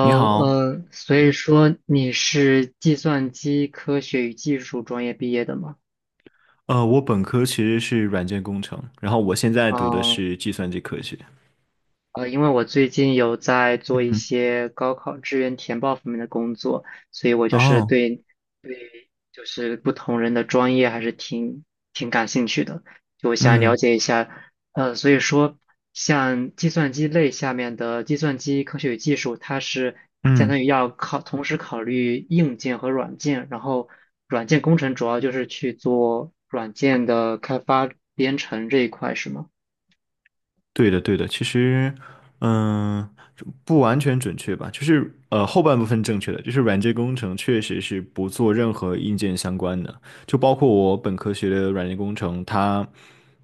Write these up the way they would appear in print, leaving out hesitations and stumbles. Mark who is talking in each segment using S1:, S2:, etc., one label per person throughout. S1: 你 好，
S2: 所以说你是计算机科学与技术专业毕业的吗？
S1: 我本科其实是软件工程，然后我现在读的
S2: 嗯。
S1: 是计算机科学。
S2: 因为我最近有在做一
S1: 嗯。
S2: 些高考志愿填报方面的工作，所以我就是
S1: 哦。
S2: 对就是不同人的专业还是挺感兴趣的，就我想了
S1: 嗯
S2: 解一下。所以说，像计算机类下面的计算机科学与技术，它是相
S1: 嗯。
S2: 当于要考，同时考虑硬件和软件，然后软件工程主要就是去做软件的开发编程这一块，是吗？
S1: 对的，对的，其实，嗯，不完全准确吧，就是后半部分正确的，就是软件工程确实是不做任何硬件相关的，就包括我本科学的软件工程，它，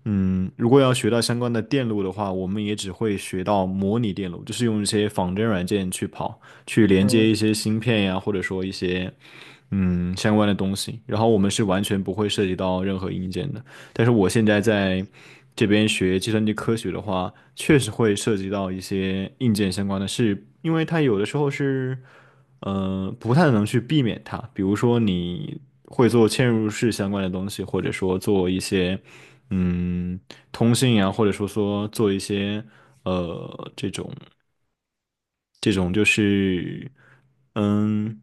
S1: 嗯，如果要学到相关的电路的话，我们也只会学到模拟电路，就是用一些仿真软件去跑，去连接
S2: 嗯。
S1: 一些芯片呀，或者说一些相关的东西，然后我们是完全不会涉及到任何硬件的。但是我现在在这边学计算机科学的话，确实会涉及到一些硬件相关的事，因为它有的时候是不太能去避免它。比如说，你会做嵌入式相关的东西，或者说做一些嗯通信啊，或者说做一些呃这种这种就是嗯，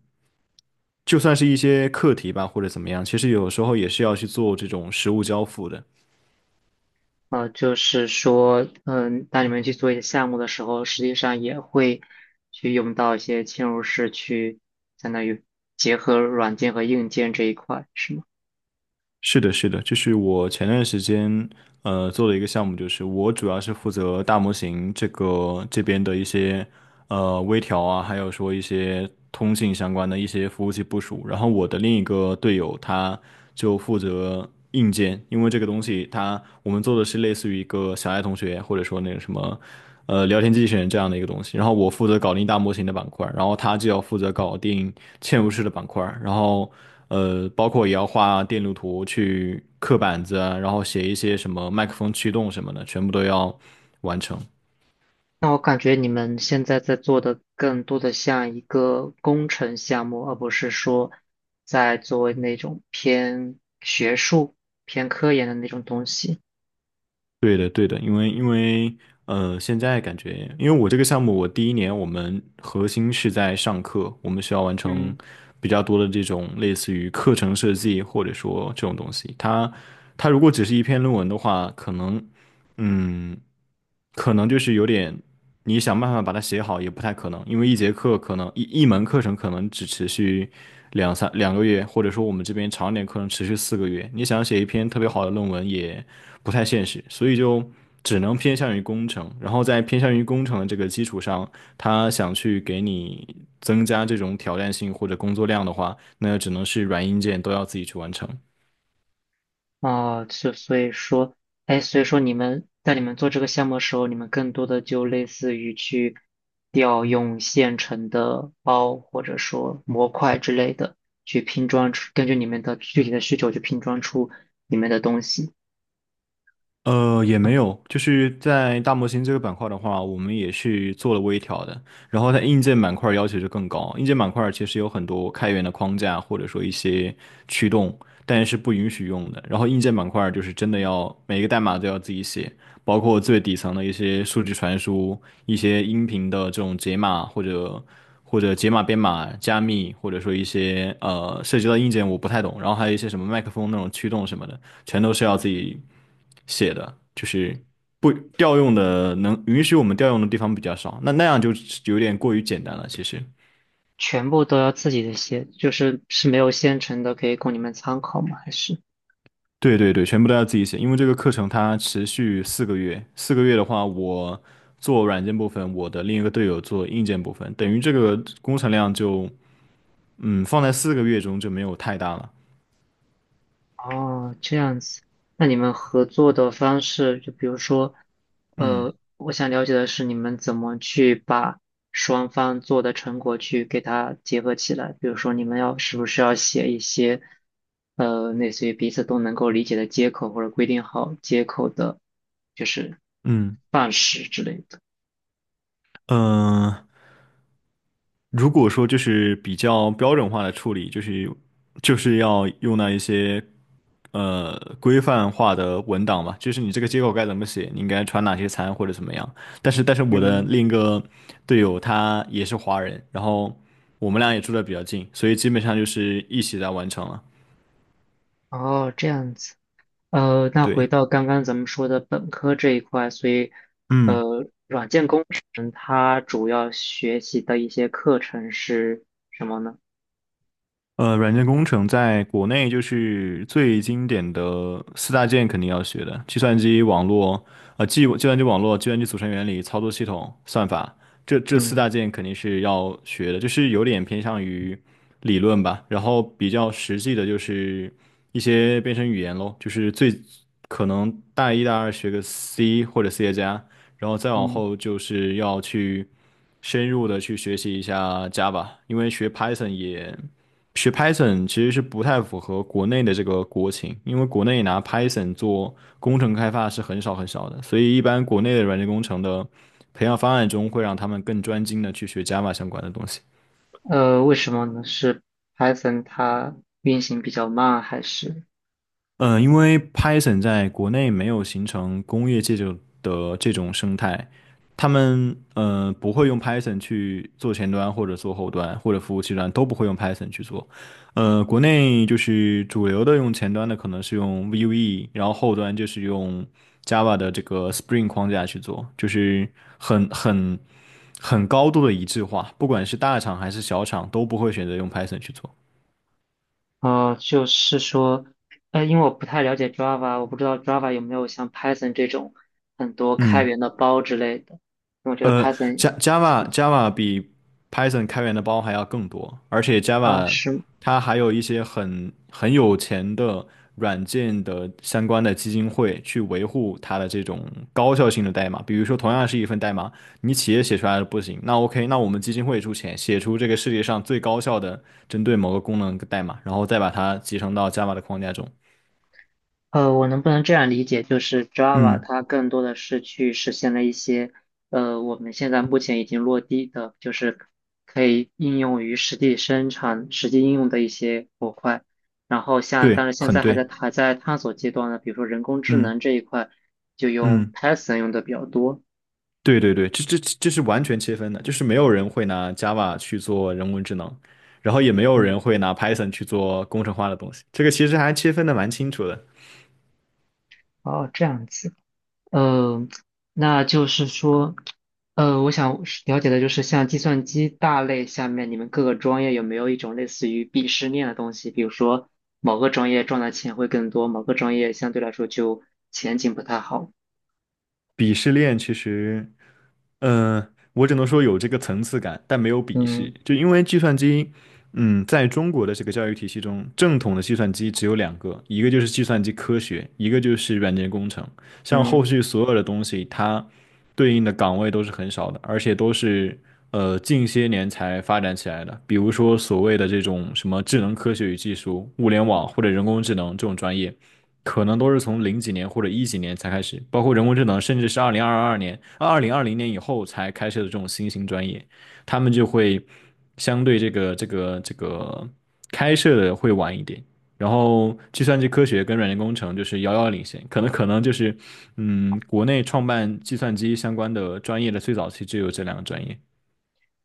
S1: 就算是一些课题吧，或者怎么样，其实有时候也是要去做这种实物交付的。
S2: 就是说，嗯，当你们去做一些项目的时候，实际上也会去用到一些嵌入式去，相当于结合软件和硬件这一块，是吗？
S1: 是的，是的，就是我前段时间做的一个项目，就是我主要是负责大模型这个这边的一些微调啊，还有说一些通信相关的一些服务器部署。然后我的另一个队友他就负责硬件，因为这个东西我们做的是类似于一个小爱同学或者说那个什么聊天机器人这样的一个东西。然后我负责搞定大模型的板块，然后他就要负责搞定嵌入式的板块，然后。包括也要画电路图去刻板子啊，然后写一些什么麦克风驱动什么的，全部都要完成。
S2: 那我感觉你们现在在做的更多的像一个工程项目，而不是说在做那种偏学术、偏科研的那种东西。
S1: 对的，对的，因为现在感觉，因为我这个项目，我第一年我们核心是在上课，我们需要完成
S2: 嗯。
S1: 比较多的这种类似于课程设计或者说这种东西。它如果只是一篇论文的话，嗯，可能就是有点你想办法把它写好也不太可能，因为一节课可能一门课程可能只持续两个月，或者说我们这边长一点课程持续四个月，你想写一篇特别好的论文也不太现实，所以就只能偏向于工程。然后在偏向于工程的这个基础上，他想去给你增加这种挑战性或者工作量的话，那只能是软硬件都要自己去完成。
S2: 啊，就所以说，哎，所以说你们在你们做这个项目的时候，你们更多的就类似于去调用现成的包或者说模块之类的，去拼装出，根据你们的具体的需求去拼装出你们的东西，
S1: 也没有，就是在大模型这个板块的话，我们也是做了微调的。然后在硬件板块要求就更高，硬件板块其实有很多开源的框架或者说一些驱动，但是不允许用的。然后硬件板块就是真的要每个代码都要自己写。包括最底层的一些数据传输、一些音频的这种解码或者解码编码、加密，或者说一些涉及到硬件我不太懂，然后还有一些什么麦克风那种驱动什么的，全都是要自己写的，就是不调用的能允许我们调用的地方比较少，那样就有点过于简单了，其实。
S2: 全部都要自己的写，就是是没有现成的可以供你们参考吗？还是？
S1: 对对对，全部都要自己写，因为这个课程它持续四个月，四个月的话，我做软件部分，我的另一个队友做硬件部分，等于这个工程量就，放在四个月中就没有太大了。
S2: 哦，这样子，那你们合作的方式，就比如说，
S1: 嗯
S2: 我想了解的是你们怎么去把双方做的成果去给它结合起来。比如说，你们要是不是要写一些，类似于彼此都能够理解的接口，或者规定好接口的，就是
S1: 嗯，
S2: 范式之类的。
S1: 嗯，如果说就是比较标准化的处理，就是要用到一些规范化的文档吧，就是你这个接口该怎么写，你应该传哪些参或者怎么样。但是我的
S2: 嗯。
S1: 另一个队友他也是华人，然后我们俩也住的比较近，所以基本上就是一起来完成了。
S2: 哦，这样子。那回
S1: 对，
S2: 到刚刚咱们说的本科这一块，所以，
S1: 嗯。
S2: 软件工程它主要学习的一些课程是什么呢？
S1: 软件工程在国内就是最经典的四大件肯定要学的，计算机网络，计算机网络、计算机组成原理、操作系统、算法，这四
S2: 嗯。
S1: 大件肯定是要学的，就是有点偏向于理论吧，然后比较实际的就是一些编程语言咯，就是最可能大一、大二学个 C 或者 C 加加，然后再往
S2: 嗯。
S1: 后就是要去深入的去学习一下 Java,因为学 Python 也。学 Python 其实是不太符合国内的这个国情，因为国内拿 Python 做工程开发是很少很少的，所以一般国内的软件工程的培养方案中会让他们更专精的去学 Java 相关的东西。
S2: 为什么呢？是 Python 它运行比较慢，还是？
S1: 嗯，因为 Python 在国内没有形成工业界就的这种生态，他们不会用 Python 去做前端或者做后端或者服务器端都不会用 Python 去做。国内就是主流的用前端的可能是用 Vue,然后后端就是用 Java 的这个 Spring 框架去做，就是很很很高度的一致化，不管是大厂还是小厂都不会选择用 Python 去做。
S2: 就是说，因为我不太了解 Java,我不知道 Java 有没有像 Python 这种很多开
S1: 嗯。
S2: 源的包之类的，因为我觉得
S1: 呃
S2: Python
S1: ，Ja-，Java Java 比 Python 开源的包还要更多，而且
S2: 啊，
S1: Java
S2: 是。
S1: 它还有一些很有钱的软件的相关的基金会去维护它的这种高效性的代码。比如说，同样是一份代码，你企业写出来的不行，那 OK,那我们基金会出钱写出这个世界上最高效的针对某个功能的代码，然后再把它集成到 Java 的框架中。
S2: 我能不能这样理解，就是 Java
S1: 嗯，
S2: 它更多的是去实现了一些，我们现在目前已经落地的，就是可以应用于实际生产、实际应用的一些模块。然后像，但
S1: 对，
S2: 是现
S1: 很
S2: 在还在
S1: 对。
S2: 还在探索阶段呢，比如说人工智
S1: 嗯
S2: 能这一块，就用
S1: 嗯。
S2: Python 用的比较多。
S1: 对对对，这是完全切分的，就是没有人会拿 Java 去做人工智能，然后也没有人
S2: 嗯。
S1: 会拿 Python 去做工程化的东西。这个其实还切分的蛮清楚的。
S2: 哦，这样子。呃，那就是说，我想是了解的就是，像计算机大类下面，你们各个专业有没有一种类似于鄙视链的东西？比如说，某个专业赚的钱会更多，某个专业相对来说就前景不太好。
S1: 鄙视链其实。嗯，我只能说有这个层次感，但没有鄙视。
S2: 嗯。
S1: 就因为计算机，在中国的这个教育体系中，正统的计算机只有两个，一个就是计算机科学，一个就是软件工程。像后
S2: 嗯。
S1: 续所有的东西，它对应的岗位都是很少的，而且都是近些年才发展起来的。比如说所谓的这种什么智能科学与技术、物联网或者人工智能这种专业。可能都是从零几年或者一几年才开始，包括人工智能，甚至是2022年、2020年以后才开设的这种新型专业，他们就会相对这个开设的会晚一点。然后，计算机科学跟软件工程就是遥遥领先，可能就是，国内创办计算机相关的专业的最早期只有这两个专业。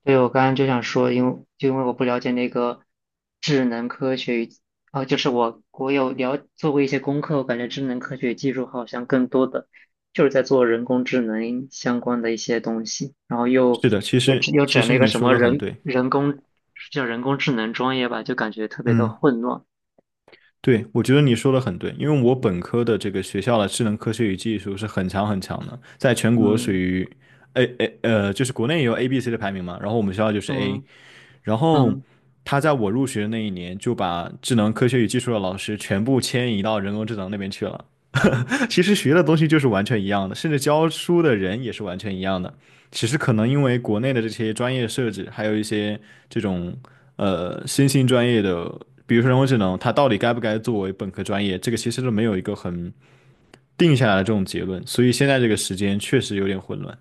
S2: 对，我刚刚就想说，因为就因为我不了解那个智能科学与，哦，就是我有了做过一些功课，我感觉智能科学技术好像更多的就是在做人工智能相关的一些东西，然后又
S1: 是的，其
S2: 又
S1: 实
S2: 整又
S1: 其
S2: 整了
S1: 实
S2: 一个
S1: 你
S2: 什
S1: 说
S2: 么
S1: 的很
S2: 人
S1: 对，
S2: 人工叫人工智能专业吧，就感觉特别的
S1: 嗯。
S2: 混乱。
S1: 对，我觉得你说的很对，因为我本科的这个学校的智能科学与技术是很强很强的，在全国属
S2: 嗯。
S1: 于 A。就是国内也有 A、B、C 的排名嘛，然后我们学校就是 A,
S2: 嗯。
S1: 然后
S2: 嗯，
S1: 他在我入学的那一年就把智能科学与技术的老师全部迁移到人工智能那边去了，其实学的东西就是完全一样的，甚至教书的人也是完全一样的。只是可能因为国内的这些专业设置，还有一些这种新兴专业的，比如说人工智能，它到底该不该作为本科专业，这个其实都没有一个很定下来的这种结论。所以现在这个时间确实有点混乱。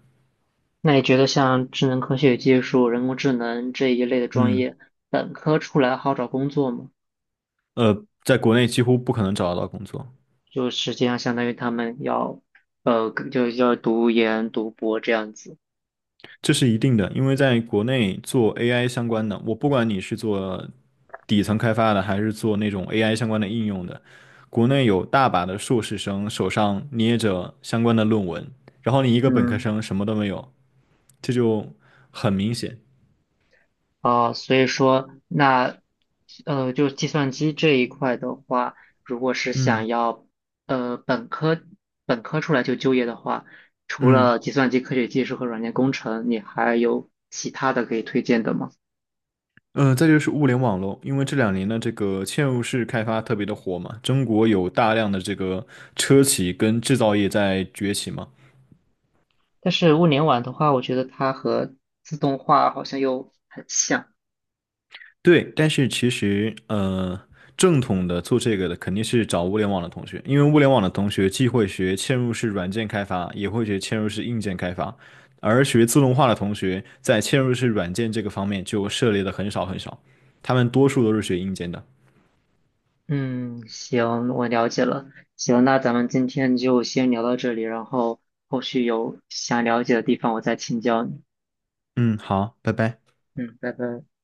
S2: 那你觉得像智能科学技术、人工智能这一类的专
S1: 嗯，
S2: 业，本科出来好找工作吗？
S1: 在国内几乎不可能找得到工作，
S2: 就实际上相当于他们要，就要读研、读博这样子。
S1: 这是一定的，因为在国内做 AI 相关的，我不管你是做底层开发的，还是做那种 AI 相关的应用的。国内有大把的硕士生手上捏着相关的论文，然后你一个本科
S2: 嗯。
S1: 生什么都没有，这就很明显。
S2: 啊，所以说那，就计算机这一块的话，如果是想
S1: 嗯
S2: 要，呃，本科本科出来就就业的话，除
S1: 嗯，
S2: 了计算机科学技术和软件工程，你还有其他的可以推荐的吗？
S1: 再就是物联网喽，因为这两年的这个嵌入式开发特别的火嘛，中国有大量的这个车企跟制造业在崛起嘛，
S2: 但是物联网的话，我觉得它和自动化好像又很像。
S1: 对，但是其实，正统的做这个的肯定是找物联网的同学，因为物联网的同学既会学嵌入式软件开发，也会学嵌入式硬件开发，而学自动化的同学在嵌入式软件这个方面就涉猎的很少很少，他们多数都是学硬件的。
S2: 嗯，行，我了解了。行，那咱们今天就先聊到这里，然后后续有想了解的地方，我再请教你。
S1: 嗯，好，拜拜。
S2: 嗯，拜拜。